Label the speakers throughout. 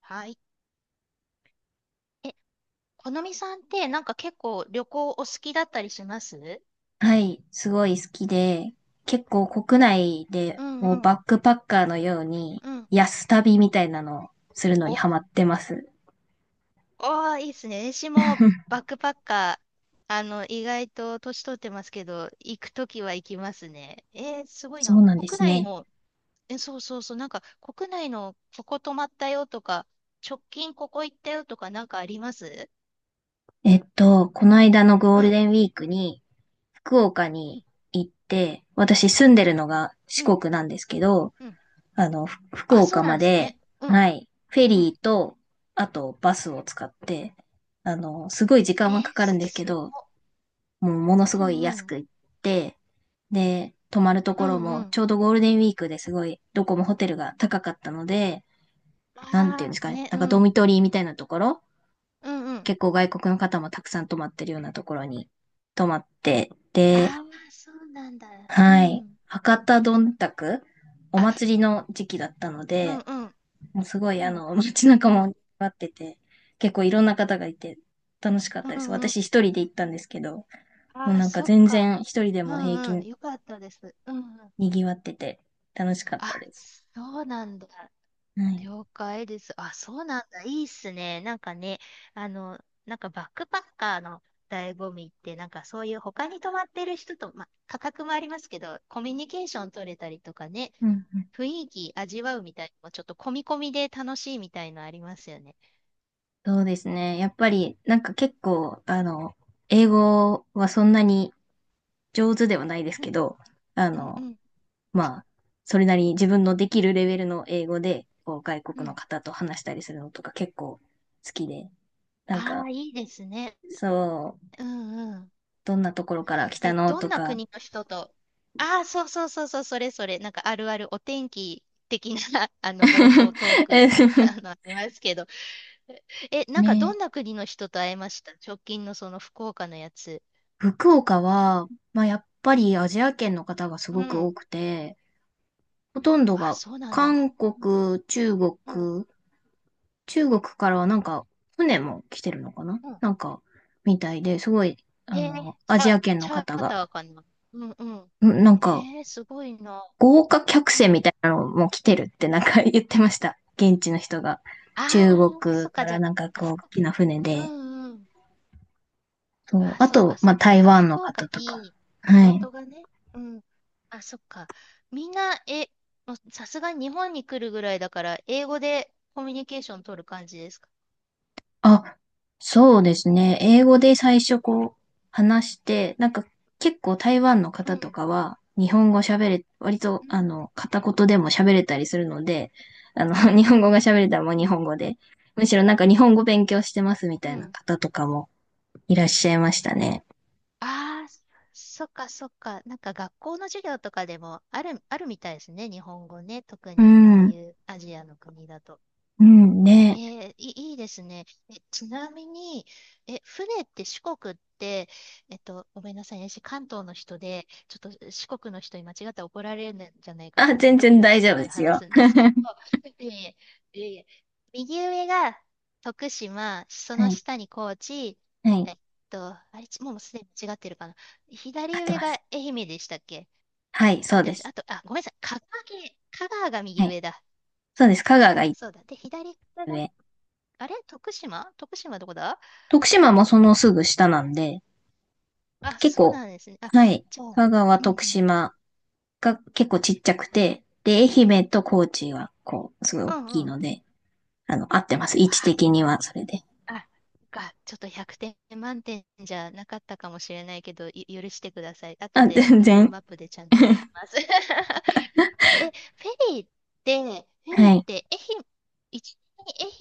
Speaker 1: はい。え、このみさんってなんか結構旅行お好きだったりします？
Speaker 2: はい、すごい好きで、結構国内で
Speaker 1: うん
Speaker 2: も
Speaker 1: う
Speaker 2: うバッ
Speaker 1: ん。
Speaker 2: クパッカーのように
Speaker 1: うん。
Speaker 2: 安旅みたいなのをするのに
Speaker 1: お、お
Speaker 2: ハマってます。
Speaker 1: ー、いいですね。私もバックパッカー、意外と年取ってますけど、行くときは行きますね。えー、すごい
Speaker 2: そ
Speaker 1: な。
Speaker 2: うなんで
Speaker 1: 国
Speaker 2: す
Speaker 1: 内
Speaker 2: ね。
Speaker 1: の、そうそうそう、なんか国内のここ泊まったよとか、直近ここ行ったよとかなんかあります？
Speaker 2: この間のゴ
Speaker 1: う
Speaker 2: ール
Speaker 1: ん。
Speaker 2: デンウィークに福岡
Speaker 1: うん。
Speaker 2: に行って、私住んでるのが四
Speaker 1: うん。
Speaker 2: 国なんですけど、
Speaker 1: うん。
Speaker 2: 福
Speaker 1: あ、そう
Speaker 2: 岡
Speaker 1: なん
Speaker 2: ま
Speaker 1: です
Speaker 2: で、
Speaker 1: ね。うん。
Speaker 2: はい、フェ
Speaker 1: うん。
Speaker 2: リーと、あとバスを使って、すごい時
Speaker 1: え
Speaker 2: 間は
Speaker 1: ー、
Speaker 2: かかるんですけ
Speaker 1: すご
Speaker 2: ど、
Speaker 1: い。
Speaker 2: もうものす
Speaker 1: う
Speaker 2: ごい
Speaker 1: ん
Speaker 2: 安
Speaker 1: うん。
Speaker 2: く行って、で、泊まると
Speaker 1: う
Speaker 2: ころ
Speaker 1: んう
Speaker 2: も、ち
Speaker 1: ん。
Speaker 2: ょうどゴールデンウィークですごい、どこもホテルが高かったので、なんていうんで
Speaker 1: あ
Speaker 2: す
Speaker 1: あ、
Speaker 2: かね、
Speaker 1: ね、
Speaker 2: な
Speaker 1: う
Speaker 2: んかド
Speaker 1: ん、
Speaker 2: ミトリーみたいなところ、
Speaker 1: うんうん。
Speaker 2: 結構外国の方もたくさん泊まってるようなところに泊まって、で、
Speaker 1: ああ、そうなんだ。う
Speaker 2: はい、
Speaker 1: ん。
Speaker 2: 博多どんたく、お
Speaker 1: あ、
Speaker 2: 祭りの時期だったの
Speaker 1: うん
Speaker 2: で、
Speaker 1: うん、
Speaker 2: もうすごい
Speaker 1: うん、
Speaker 2: 街中
Speaker 1: うん、
Speaker 2: も待ってて、結構いろんな方がいて楽しかったで
Speaker 1: う
Speaker 2: す。
Speaker 1: んうん。
Speaker 2: 私一人で行ったんですけど、
Speaker 1: あ
Speaker 2: もう
Speaker 1: あ、
Speaker 2: なんか
Speaker 1: そっ
Speaker 2: 全
Speaker 1: か。
Speaker 2: 然一人で
Speaker 1: う
Speaker 2: も平
Speaker 1: んうん、
Speaker 2: 気
Speaker 1: よかったです。うんうん。
Speaker 2: 賑わってて楽しかっ
Speaker 1: あ、
Speaker 2: たです。
Speaker 1: そうなんだ。
Speaker 2: はい。
Speaker 1: 了解です。あ、そうなんだ。いいっすね。なんかね、あの、なんかバックパッカーの醍醐味って、なんかそういう他に泊まってる人と、まあ、価格もありますけど、コミュニケーション取れたりとかね、
Speaker 2: うんうん。
Speaker 1: 雰囲気味わうみたいなのも、ちょっと込み込みで楽しいみたいのありますよね。
Speaker 2: そうですね。やっぱり、なんか結構、英語はそんなに上手ではないです
Speaker 1: う
Speaker 2: け
Speaker 1: ん、
Speaker 2: ど、あ
Speaker 1: うん、う
Speaker 2: の、
Speaker 1: ん、
Speaker 2: まあ、それなりに自分のできるレベルの英語で、こう、外
Speaker 1: う
Speaker 2: 国の
Speaker 1: ん。
Speaker 2: 方と話したりするのとか結構好きで、なん
Speaker 1: あ
Speaker 2: か、
Speaker 1: あ、いいですね。
Speaker 2: そう、
Speaker 1: うん、うん。
Speaker 2: どんなところから来たの
Speaker 1: どん
Speaker 2: と
Speaker 1: な
Speaker 2: か。
Speaker 1: 国の人と、ああ、そうそうそうそう、それそれ、なんかあるあるお天気的な 冒頭トー ク ありますけど。なんかど
Speaker 2: ね、
Speaker 1: んな国の人と会えました？直近のその福岡のやつ。
Speaker 2: 福岡は、まあ、やっぱりアジア圏の方がす
Speaker 1: う
Speaker 2: ごく多
Speaker 1: ん。
Speaker 2: くて、ほとんど
Speaker 1: あ、
Speaker 2: が
Speaker 1: そうなんだ。
Speaker 2: 韓
Speaker 1: うん、
Speaker 2: 国、中国、
Speaker 1: うん、
Speaker 2: 中国からはなんか船も来てるのかな
Speaker 1: うん。
Speaker 2: なんか、みたいで、すごい、
Speaker 1: へえ、
Speaker 2: アジア圏
Speaker 1: チ
Speaker 2: の
Speaker 1: ャ
Speaker 2: 方
Speaker 1: ー
Speaker 2: が、
Speaker 1: ターかな。うん、うん。
Speaker 2: んなんか、
Speaker 1: えー、すごいな。
Speaker 2: 豪華客
Speaker 1: う
Speaker 2: 船み
Speaker 1: ん。
Speaker 2: たいなのも来てるってなんか 言ってました。現地の人が。
Speaker 1: ああ、
Speaker 2: 中国
Speaker 1: そっ
Speaker 2: か
Speaker 1: か、じ
Speaker 2: ら
Speaker 1: ゃ
Speaker 2: なんか
Speaker 1: あ、
Speaker 2: こう、大きな船
Speaker 1: う
Speaker 2: で。
Speaker 1: ん、うん。
Speaker 2: そう。
Speaker 1: あ、
Speaker 2: あ
Speaker 1: そっ
Speaker 2: と、
Speaker 1: かそ
Speaker 2: ま
Speaker 1: っ
Speaker 2: あ、
Speaker 1: か。だ
Speaker 2: 台
Speaker 1: から
Speaker 2: 湾の
Speaker 1: 福岡
Speaker 2: 方とか。
Speaker 1: に、
Speaker 2: はい。
Speaker 1: 港がね、うん。あ、そっか。みんな、もうさすがに日本に来るぐらいだから、英語でコミュニケーション取る感じですか？
Speaker 2: あ、そうですね。英語で最初こう話して、なんか結構台湾の
Speaker 1: う
Speaker 2: 方と
Speaker 1: ん。
Speaker 2: かは日本語喋れ、割と
Speaker 1: うん。
Speaker 2: 片言でも喋れたりするので、あの
Speaker 1: う ん。
Speaker 2: 日本語が喋れたらもう
Speaker 1: う
Speaker 2: 日
Speaker 1: ん。
Speaker 2: 本語で、むしろなんか日本語勉強してますみ
Speaker 1: う
Speaker 2: たいな
Speaker 1: ん。
Speaker 2: 方とかもいらっしゃいましたね。
Speaker 1: ああ、そっかそっか。なんか学校の授業とかでもあるみたいですね。日本語ね。特
Speaker 2: う
Speaker 1: に、ああ
Speaker 2: ん、
Speaker 1: いうアジアの国だと。
Speaker 2: うん、
Speaker 1: え
Speaker 2: ね。
Speaker 1: ー、いですね。ちなみに、船って四国って、ごめんなさいね、私関東の人で、ちょっと四国の人に間違ったら怒られるんじゃないか
Speaker 2: あ、
Speaker 1: と思って
Speaker 2: 全
Speaker 1: ドキ
Speaker 2: 然
Speaker 1: ドキ
Speaker 2: 大
Speaker 1: し
Speaker 2: 丈
Speaker 1: な
Speaker 2: 夫
Speaker 1: が
Speaker 2: で
Speaker 1: ら
Speaker 2: す
Speaker 1: 話
Speaker 2: よ。
Speaker 1: すんですけど、いえいえ、いえいえ。右上が徳島、そ
Speaker 2: は
Speaker 1: の
Speaker 2: い、
Speaker 1: 下に高知、
Speaker 2: はい、
Speaker 1: えっあれ、もうすでに間違ってるかな。
Speaker 2: 合っ
Speaker 1: 左
Speaker 2: て
Speaker 1: 上
Speaker 2: ま
Speaker 1: が
Speaker 2: す。
Speaker 1: 愛媛でしたっけ？
Speaker 2: はい、
Speaker 1: 合
Speaker 2: そ
Speaker 1: っ
Speaker 2: う
Speaker 1: て
Speaker 2: で
Speaker 1: ます。
Speaker 2: す。
Speaker 1: あと、あ、ごめんなさい、香川県、香川が
Speaker 2: は
Speaker 1: 右
Speaker 2: い、
Speaker 1: 上だ。
Speaker 2: そうです。香川
Speaker 1: そ
Speaker 2: が
Speaker 1: う、
Speaker 2: 一
Speaker 1: そうだ。で、左が、
Speaker 2: つ上。
Speaker 1: あれ、徳島どこだ？
Speaker 2: 徳島もそのすぐ下なんで、
Speaker 1: あ、
Speaker 2: 結
Speaker 1: そう
Speaker 2: 構、
Speaker 1: なんですね。あ、
Speaker 2: はい。
Speaker 1: じゃあ、
Speaker 2: 香川、
Speaker 1: うん
Speaker 2: 徳
Speaker 1: うん。
Speaker 2: 島が結構ちっちゃくて、で、愛媛と高知は、こう、すごい大
Speaker 1: うんうん。
Speaker 2: きい
Speaker 1: あ、
Speaker 2: ので、合ってます。位置的には、それで。
Speaker 1: あ、そっか、ちょっと100点満点じゃなかったかもしれないけど、許してください。後
Speaker 2: あ、
Speaker 1: で
Speaker 2: 全
Speaker 1: Google
Speaker 2: 然。
Speaker 1: マップでちゃんと見ます。え、フェリーって、
Speaker 2: はい。
Speaker 1: 愛媛、一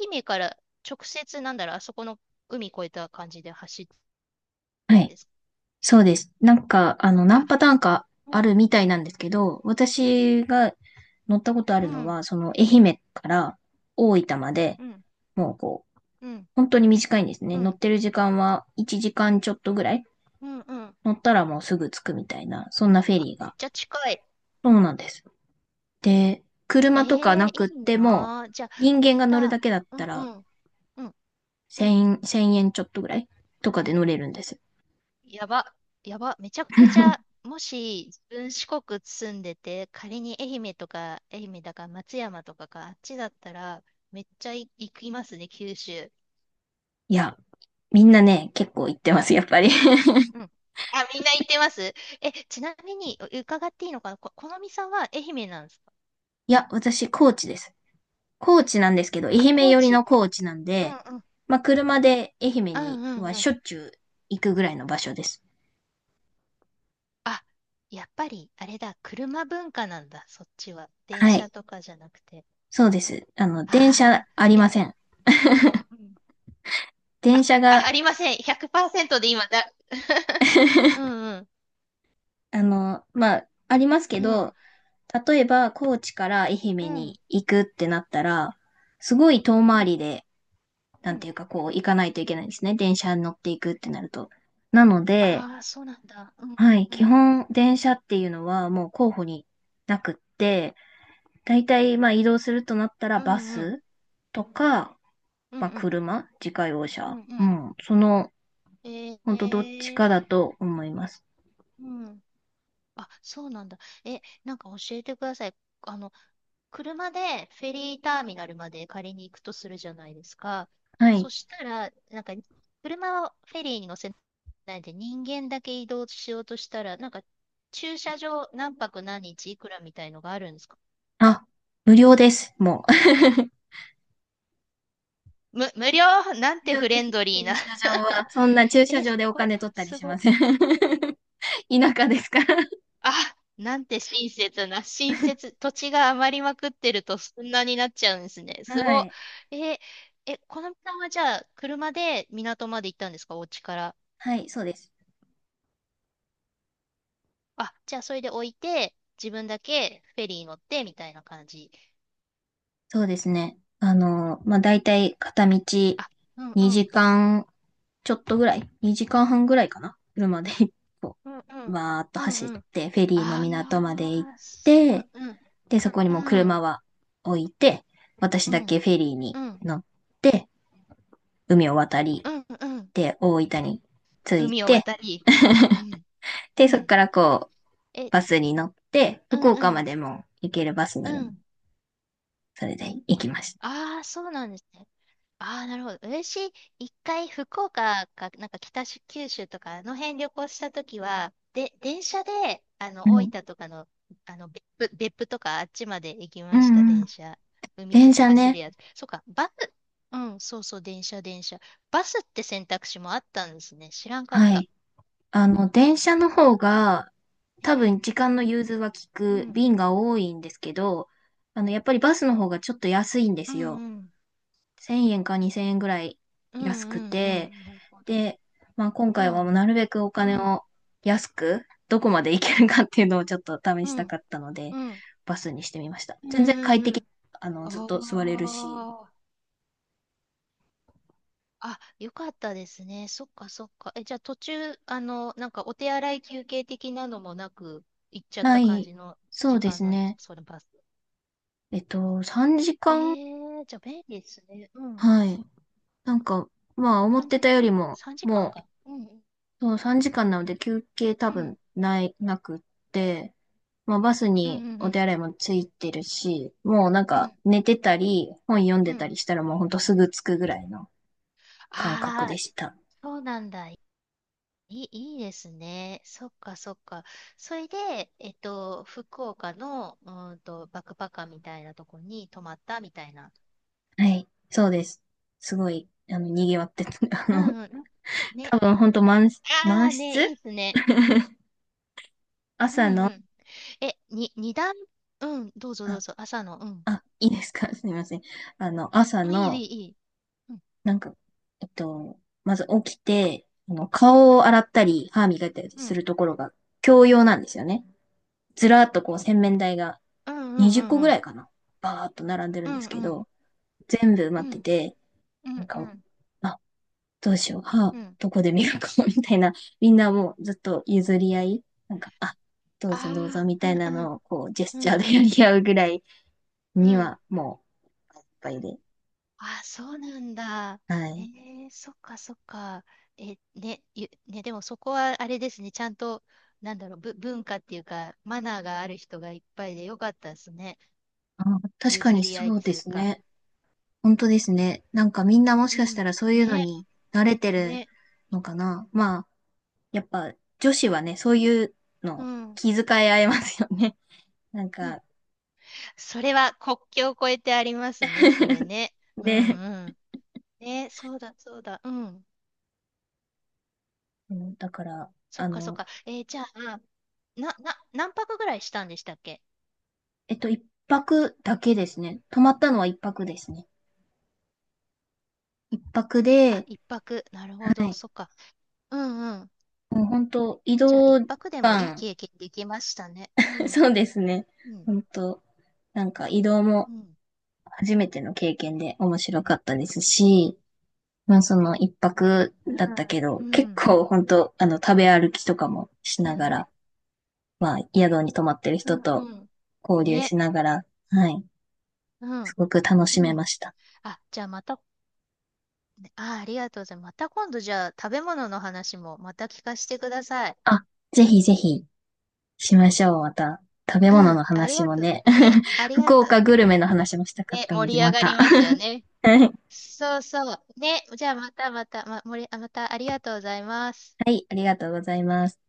Speaker 1: 愛媛から直接、なんだろう、あそこの海越えた感じで走って
Speaker 2: は
Speaker 1: ん
Speaker 2: い。
Speaker 1: ですか。
Speaker 2: そうです。なんか、
Speaker 1: あ、
Speaker 2: 何パターンか
Speaker 1: うん
Speaker 2: ある
Speaker 1: う
Speaker 2: み
Speaker 1: ん。
Speaker 2: たいなんですけど、私が乗ったことあ
Speaker 1: う
Speaker 2: るの
Speaker 1: ん、
Speaker 2: は、その、愛媛から大分まで、
Speaker 1: うん、
Speaker 2: もうこう、
Speaker 1: うん、
Speaker 2: 本当に短いんですね。
Speaker 1: う
Speaker 2: 乗っ
Speaker 1: ん、
Speaker 2: てる時間は1時間ちょっとぐらい。
Speaker 1: うん、うん。
Speaker 2: 乗ったらもうすぐ着くみたいな、そんなフェ
Speaker 1: あ、
Speaker 2: リー
Speaker 1: めっ
Speaker 2: が。
Speaker 1: ちゃ近い。
Speaker 2: そうなんです。で、車とか
Speaker 1: ええ、
Speaker 2: なく
Speaker 1: い
Speaker 2: っ
Speaker 1: い
Speaker 2: ても、
Speaker 1: なあ。じゃあ、
Speaker 2: 人
Speaker 1: あ
Speaker 2: 間
Speaker 1: れ
Speaker 2: が乗るだ
Speaker 1: だ。
Speaker 2: けだっ
Speaker 1: うん
Speaker 2: たら、
Speaker 1: うん。うんうん。
Speaker 2: 1000円ちょっとぐらいとかで乗れるんですよ。
Speaker 1: やば。やば。めちゃくちゃ、もし自分四国住んでて、仮に愛媛とか、愛媛だか松山とかか、あっちだったら、めっちゃ行きますね、九州。
Speaker 2: いや、みんなね、結構行ってます、やっぱり。
Speaker 1: うん。あ、みんな行ってます。ちなみに、伺っていいのかな、このみさんは愛媛なんですか？
Speaker 2: いや、私、高知です。高知なんですけど、
Speaker 1: あ、
Speaker 2: 愛媛
Speaker 1: 高
Speaker 2: 寄りの
Speaker 1: 知。
Speaker 2: 高知なん
Speaker 1: うん
Speaker 2: で、
Speaker 1: うん。
Speaker 2: まあ、車で愛媛
Speaker 1: う
Speaker 2: に
Speaker 1: んう
Speaker 2: は
Speaker 1: んうん。
Speaker 2: しょっちゅう行くぐらいの場所です。
Speaker 1: あ、やっぱり、あれだ。車文化なんだ、そっちは。電
Speaker 2: は
Speaker 1: 車
Speaker 2: い。
Speaker 1: とかじゃなくて。
Speaker 2: そうです。電車
Speaker 1: ああ、
Speaker 2: あり
Speaker 1: え、
Speaker 2: ま
Speaker 1: ち
Speaker 2: せ
Speaker 1: ょ、
Speaker 2: ん。
Speaker 1: うんうん。あ、
Speaker 2: 電車
Speaker 1: あ、あ
Speaker 2: が
Speaker 1: りません。100%で今だ。うんうん。
Speaker 2: まあ、ありますけ
Speaker 1: うん。
Speaker 2: ど、例えば、高知から愛媛
Speaker 1: うん。
Speaker 2: に行くってなったら、すごい遠
Speaker 1: う
Speaker 2: 回
Speaker 1: ん。
Speaker 2: りで、な
Speaker 1: う
Speaker 2: んて
Speaker 1: ん。
Speaker 2: いうか、こう、行かないといけないんですね。電車に乗っていくってなると。なので、
Speaker 1: ああ、そうなんだ。うん。
Speaker 2: はい、
Speaker 1: う
Speaker 2: 基
Speaker 1: ん。
Speaker 2: 本、電車っていうのはもう候補になくって、大体、まあ、移動するとなったら、
Speaker 1: う
Speaker 2: バ
Speaker 1: んうん。
Speaker 2: スとか、
Speaker 1: うんう
Speaker 2: まあ、
Speaker 1: ん。
Speaker 2: 車、自家用
Speaker 1: うん
Speaker 2: 車。
Speaker 1: う
Speaker 2: う
Speaker 1: ん。
Speaker 2: ん、その、
Speaker 1: え
Speaker 2: ほんとどっち
Speaker 1: え
Speaker 2: かだ
Speaker 1: ー、
Speaker 2: と思います。
Speaker 1: うん。あ、そうなんだ。なんか教えてください。あの、車でフェリーターミナルまで借りに行くとするじゃないですか。
Speaker 2: は
Speaker 1: そ
Speaker 2: い。
Speaker 1: したら、なんか、車はフェリーに乗せないで人間だけ移動しようとしたら、なんか、駐車場何泊何日いくらみたいのがあるんですか？
Speaker 2: あ、無料です、もう。
Speaker 1: 無料？なん
Speaker 2: 必
Speaker 1: て
Speaker 2: 要
Speaker 1: フ
Speaker 2: で
Speaker 1: レ
Speaker 2: す。
Speaker 1: ンドリーな。
Speaker 2: 駐車 場は。そんな駐車
Speaker 1: え、す
Speaker 2: 場でお
Speaker 1: ご、
Speaker 2: 金取ったり
Speaker 1: す
Speaker 2: しま
Speaker 1: ご。
Speaker 2: せん。田舎ですから。
Speaker 1: あ、なんて親切な、親 切、土地が余りまくってるとそんなになっちゃうんですね。す
Speaker 2: は
Speaker 1: ご
Speaker 2: い。
Speaker 1: い。このさんはじゃあ、車で港まで行ったんですか、お家から。
Speaker 2: はい、そうです。
Speaker 1: あ、じゃあ、それで置いて、自分だけフェリー乗って、みたいな感じ。
Speaker 2: そうですね。まあ、だいたい片道
Speaker 1: あ、うんう
Speaker 2: 2
Speaker 1: ん、
Speaker 2: 時間ちょっとぐらい、2時間半ぐらいかな。車で こ
Speaker 1: うんう
Speaker 2: う、
Speaker 1: ん、
Speaker 2: わーっと
Speaker 1: うん
Speaker 2: 走っ
Speaker 1: うん。
Speaker 2: て、フェリーの
Speaker 1: あ
Speaker 2: 港まで行
Speaker 1: あ、
Speaker 2: っ
Speaker 1: うん
Speaker 2: て、で、
Speaker 1: う
Speaker 2: そ
Speaker 1: ん、
Speaker 2: こにもう
Speaker 1: う
Speaker 2: 車
Speaker 1: ん
Speaker 2: は置いて、私
Speaker 1: う
Speaker 2: だ
Speaker 1: ん、うん、
Speaker 2: けフェリー
Speaker 1: う
Speaker 2: に
Speaker 1: ん、
Speaker 2: 乗って、海を渡り、
Speaker 1: うんうん。
Speaker 2: で、大分に着い
Speaker 1: 海を
Speaker 2: て、
Speaker 1: 渡り。うん、
Speaker 2: で、
Speaker 1: う
Speaker 2: そこ
Speaker 1: ん。
Speaker 2: からこ
Speaker 1: え、
Speaker 2: バスに乗って、
Speaker 1: うん
Speaker 2: 福
Speaker 1: う
Speaker 2: 岡ま
Speaker 1: ん、
Speaker 2: でも行けるバスが
Speaker 1: う
Speaker 2: あるので。
Speaker 1: ん。
Speaker 2: それで行きました。
Speaker 1: ああ、そうなんですね。ああ、なるほど。私、一回福岡か、なんか北九州とか、あの辺旅行したときは、で、電車で、
Speaker 2: う
Speaker 1: 大
Speaker 2: ん。
Speaker 1: 分とかの、別府とかあっちまで行き
Speaker 2: う
Speaker 1: ました、
Speaker 2: んう
Speaker 1: 電
Speaker 2: ん。
Speaker 1: 車。海沿
Speaker 2: 電
Speaker 1: い
Speaker 2: 車
Speaker 1: 走る
Speaker 2: ね。
Speaker 1: やつ。そうか、バス、うん、そうそう、電車。バスって選択肢もあったんですね。知らんかっ
Speaker 2: は
Speaker 1: た。
Speaker 2: い。電車の方が、多分
Speaker 1: え
Speaker 2: 時間の融通は効
Speaker 1: う
Speaker 2: く
Speaker 1: ん、
Speaker 2: 便が多いんですけど、やっぱりバスの方がちょっと安いんで
Speaker 1: うん、
Speaker 2: すよ。
Speaker 1: うん、
Speaker 2: 1000円か2000円ぐらい
Speaker 1: うん、う
Speaker 2: 安く
Speaker 1: ん、う
Speaker 2: て、
Speaker 1: ん、なるほど。
Speaker 2: で、まあ、今
Speaker 1: う
Speaker 2: 回はも
Speaker 1: ん、
Speaker 2: うなるべくお
Speaker 1: う
Speaker 2: 金
Speaker 1: ん、
Speaker 2: を安く、どこまで行けるかっていうのをちょっと試
Speaker 1: う
Speaker 2: し
Speaker 1: ん、
Speaker 2: たかったので、
Speaker 1: うん、うん、
Speaker 2: バスにしてみました。
Speaker 1: う
Speaker 2: 全然
Speaker 1: ん、
Speaker 2: 快
Speaker 1: う
Speaker 2: 適、
Speaker 1: ん。
Speaker 2: ずっと座
Speaker 1: あ
Speaker 2: れるし。
Speaker 1: あ。あ、よかったですね。そっかそっか。じゃあ途中、なんかお手洗い休憩的なのもなく、行っちゃっ
Speaker 2: な
Speaker 1: た感
Speaker 2: い、
Speaker 1: じの
Speaker 2: そう
Speaker 1: 時
Speaker 2: で
Speaker 1: 間
Speaker 2: す
Speaker 1: なんです
Speaker 2: ね。
Speaker 1: か、それバス。
Speaker 2: えっと、3
Speaker 1: え
Speaker 2: 時間、
Speaker 1: ー、じゃあ便利ですね。うん。
Speaker 2: はい。なんか、まあ、思っ
Speaker 1: 3
Speaker 2: てたよ
Speaker 1: 時
Speaker 2: り
Speaker 1: 間
Speaker 2: も、
Speaker 1: 3時間
Speaker 2: も
Speaker 1: 時間かんか。うん。
Speaker 2: う、そう3時間なので休憩多
Speaker 1: うん。
Speaker 2: 分ない、なくって、まあ、バス
Speaker 1: うん。う
Speaker 2: にお
Speaker 1: ん。
Speaker 2: 手洗いもついてるし、もうなん
Speaker 1: うん。う
Speaker 2: か
Speaker 1: ん。
Speaker 2: 寝てたり、本読ん
Speaker 1: う
Speaker 2: でた
Speaker 1: ん、
Speaker 2: りしたらもうほんとすぐ着くぐらいの感覚
Speaker 1: ああ
Speaker 2: でし
Speaker 1: ー、
Speaker 2: た。
Speaker 1: そうなんだ。いいですね。そっかそっか。それで、えっと、福岡の、うーんと、バックパッカーみたいなとこに泊まったみたいな。
Speaker 2: はい。そうです。すごい、賑わってた。あ
Speaker 1: う
Speaker 2: の、
Speaker 1: んうん。ね、
Speaker 2: 多分本当満、
Speaker 1: あ
Speaker 2: 満
Speaker 1: あね、
Speaker 2: 室
Speaker 1: いいですね。う
Speaker 2: 朝
Speaker 1: ん
Speaker 2: の、
Speaker 1: うん。二段、うん、どうぞどう
Speaker 2: あ、
Speaker 1: ぞ、朝の、うん。
Speaker 2: あ、いいですか すみません。あの、朝
Speaker 1: うん、
Speaker 2: の、
Speaker 1: いい。うん、
Speaker 2: なんか、まず起きて、顔を洗ったり、歯磨いたり
Speaker 1: う
Speaker 2: す
Speaker 1: ん、
Speaker 2: るところが共用なんですよね。ずらーっとこう洗面台が
Speaker 1: うん、
Speaker 2: 20個
Speaker 1: う
Speaker 2: ぐら
Speaker 1: ん、
Speaker 2: いかな。バーっと並んでる
Speaker 1: う
Speaker 2: んで
Speaker 1: ん、
Speaker 2: す
Speaker 1: う
Speaker 2: け
Speaker 1: ん、うん、
Speaker 2: ど、全部埋ま
Speaker 1: う
Speaker 2: って
Speaker 1: ん、
Speaker 2: て、
Speaker 1: う
Speaker 2: なん
Speaker 1: ん、う
Speaker 2: か、
Speaker 1: ん、
Speaker 2: あどうしよう、歯、
Speaker 1: うん。
Speaker 2: どこで磨こうみたいな、みんなもうずっと譲り合い、なんか、あ、どうぞ
Speaker 1: あ
Speaker 2: どうぞみ
Speaker 1: あ、う
Speaker 2: たい
Speaker 1: ん、
Speaker 2: な
Speaker 1: うん、
Speaker 2: のを、こう、ジェス
Speaker 1: う
Speaker 2: チャー
Speaker 1: ん、
Speaker 2: で
Speaker 1: う
Speaker 2: や
Speaker 1: ん、
Speaker 2: り合うぐらい
Speaker 1: う
Speaker 2: に
Speaker 1: ん。
Speaker 2: は、もう、いっぱいで。
Speaker 1: ああ、そうなんだ。
Speaker 2: は
Speaker 1: え
Speaker 2: い。
Speaker 1: ー、そっか、そっか。え、ね、ゆ、ね、でもそこはあれですね、ちゃんと、なんだろう、文化っていうか、マナーがある人がいっぱいでよかったですね。
Speaker 2: あ、確か
Speaker 1: 譲
Speaker 2: に
Speaker 1: り合い
Speaker 2: そ
Speaker 1: っ
Speaker 2: うで
Speaker 1: つ
Speaker 2: す
Speaker 1: うか。
Speaker 2: ね。本当ですね。なんかみんなも
Speaker 1: う
Speaker 2: しかしたら
Speaker 1: ん、
Speaker 2: そういうの
Speaker 1: ね、
Speaker 2: に慣れてる
Speaker 1: ね。
Speaker 2: のかな。まあ、やっぱ女子はね、そういう
Speaker 1: う
Speaker 2: の
Speaker 1: ん
Speaker 2: 気遣い合いますよね。なん
Speaker 1: うん、
Speaker 2: か、
Speaker 1: それは国境を越えてありますね、それね。う
Speaker 2: ね。
Speaker 1: んうん。ね、そうだ、そうだ。うん。
Speaker 2: うんだから、
Speaker 1: そっか、そっか。えーじゃあ、何泊ぐらいしたんでしたっけ？
Speaker 2: 一泊だけですね。泊まったのは一泊ですね。一泊
Speaker 1: あ、
Speaker 2: で、
Speaker 1: 一泊。なるほ
Speaker 2: は
Speaker 1: ど、
Speaker 2: い。
Speaker 1: そっか。うんうん。
Speaker 2: もう本当移
Speaker 1: じゃあ、一
Speaker 2: 動時
Speaker 1: 泊でもいい
Speaker 2: 間、
Speaker 1: 経験できましたね。う ん、
Speaker 2: そうですね。
Speaker 1: うん、
Speaker 2: 本当なんか移動も
Speaker 1: うん。
Speaker 2: 初めての経験で面白かったですし、まあその一泊だったけど、
Speaker 1: う
Speaker 2: 結
Speaker 1: ん、
Speaker 2: 構本当あの食べ歩きとかもし
Speaker 1: う
Speaker 2: なが
Speaker 1: ん、
Speaker 2: ら、まあ宿に泊まってる
Speaker 1: う
Speaker 2: 人
Speaker 1: ん、
Speaker 2: と
Speaker 1: うん。
Speaker 2: 交流
Speaker 1: ね、
Speaker 2: しながら、はい。
Speaker 1: う
Speaker 2: す
Speaker 1: ん、
Speaker 2: ごく楽し
Speaker 1: う
Speaker 2: め
Speaker 1: ん。
Speaker 2: ました。
Speaker 1: あ、じゃあまた、ねあ、ありがとうございます。また今度、じゃあ、食べ物の話もまた聞かせてください。
Speaker 2: あ、ぜひぜひ。しましょう、また。食べ物
Speaker 1: うん、
Speaker 2: の
Speaker 1: あり
Speaker 2: 話
Speaker 1: が
Speaker 2: も
Speaker 1: とう。
Speaker 2: ね、
Speaker 1: ね、あ りが
Speaker 2: 福
Speaker 1: とう。
Speaker 2: 岡グルメの話もしたかっ
Speaker 1: ね、
Speaker 2: たの
Speaker 1: 盛
Speaker 2: で、
Speaker 1: り上
Speaker 2: ま
Speaker 1: がり
Speaker 2: た。
Speaker 1: ますよね。
Speaker 2: は
Speaker 1: そうそう。ね、じゃあまたまた、ま、盛り、あまた、ありがとうございます。
Speaker 2: い、ありがとうございます。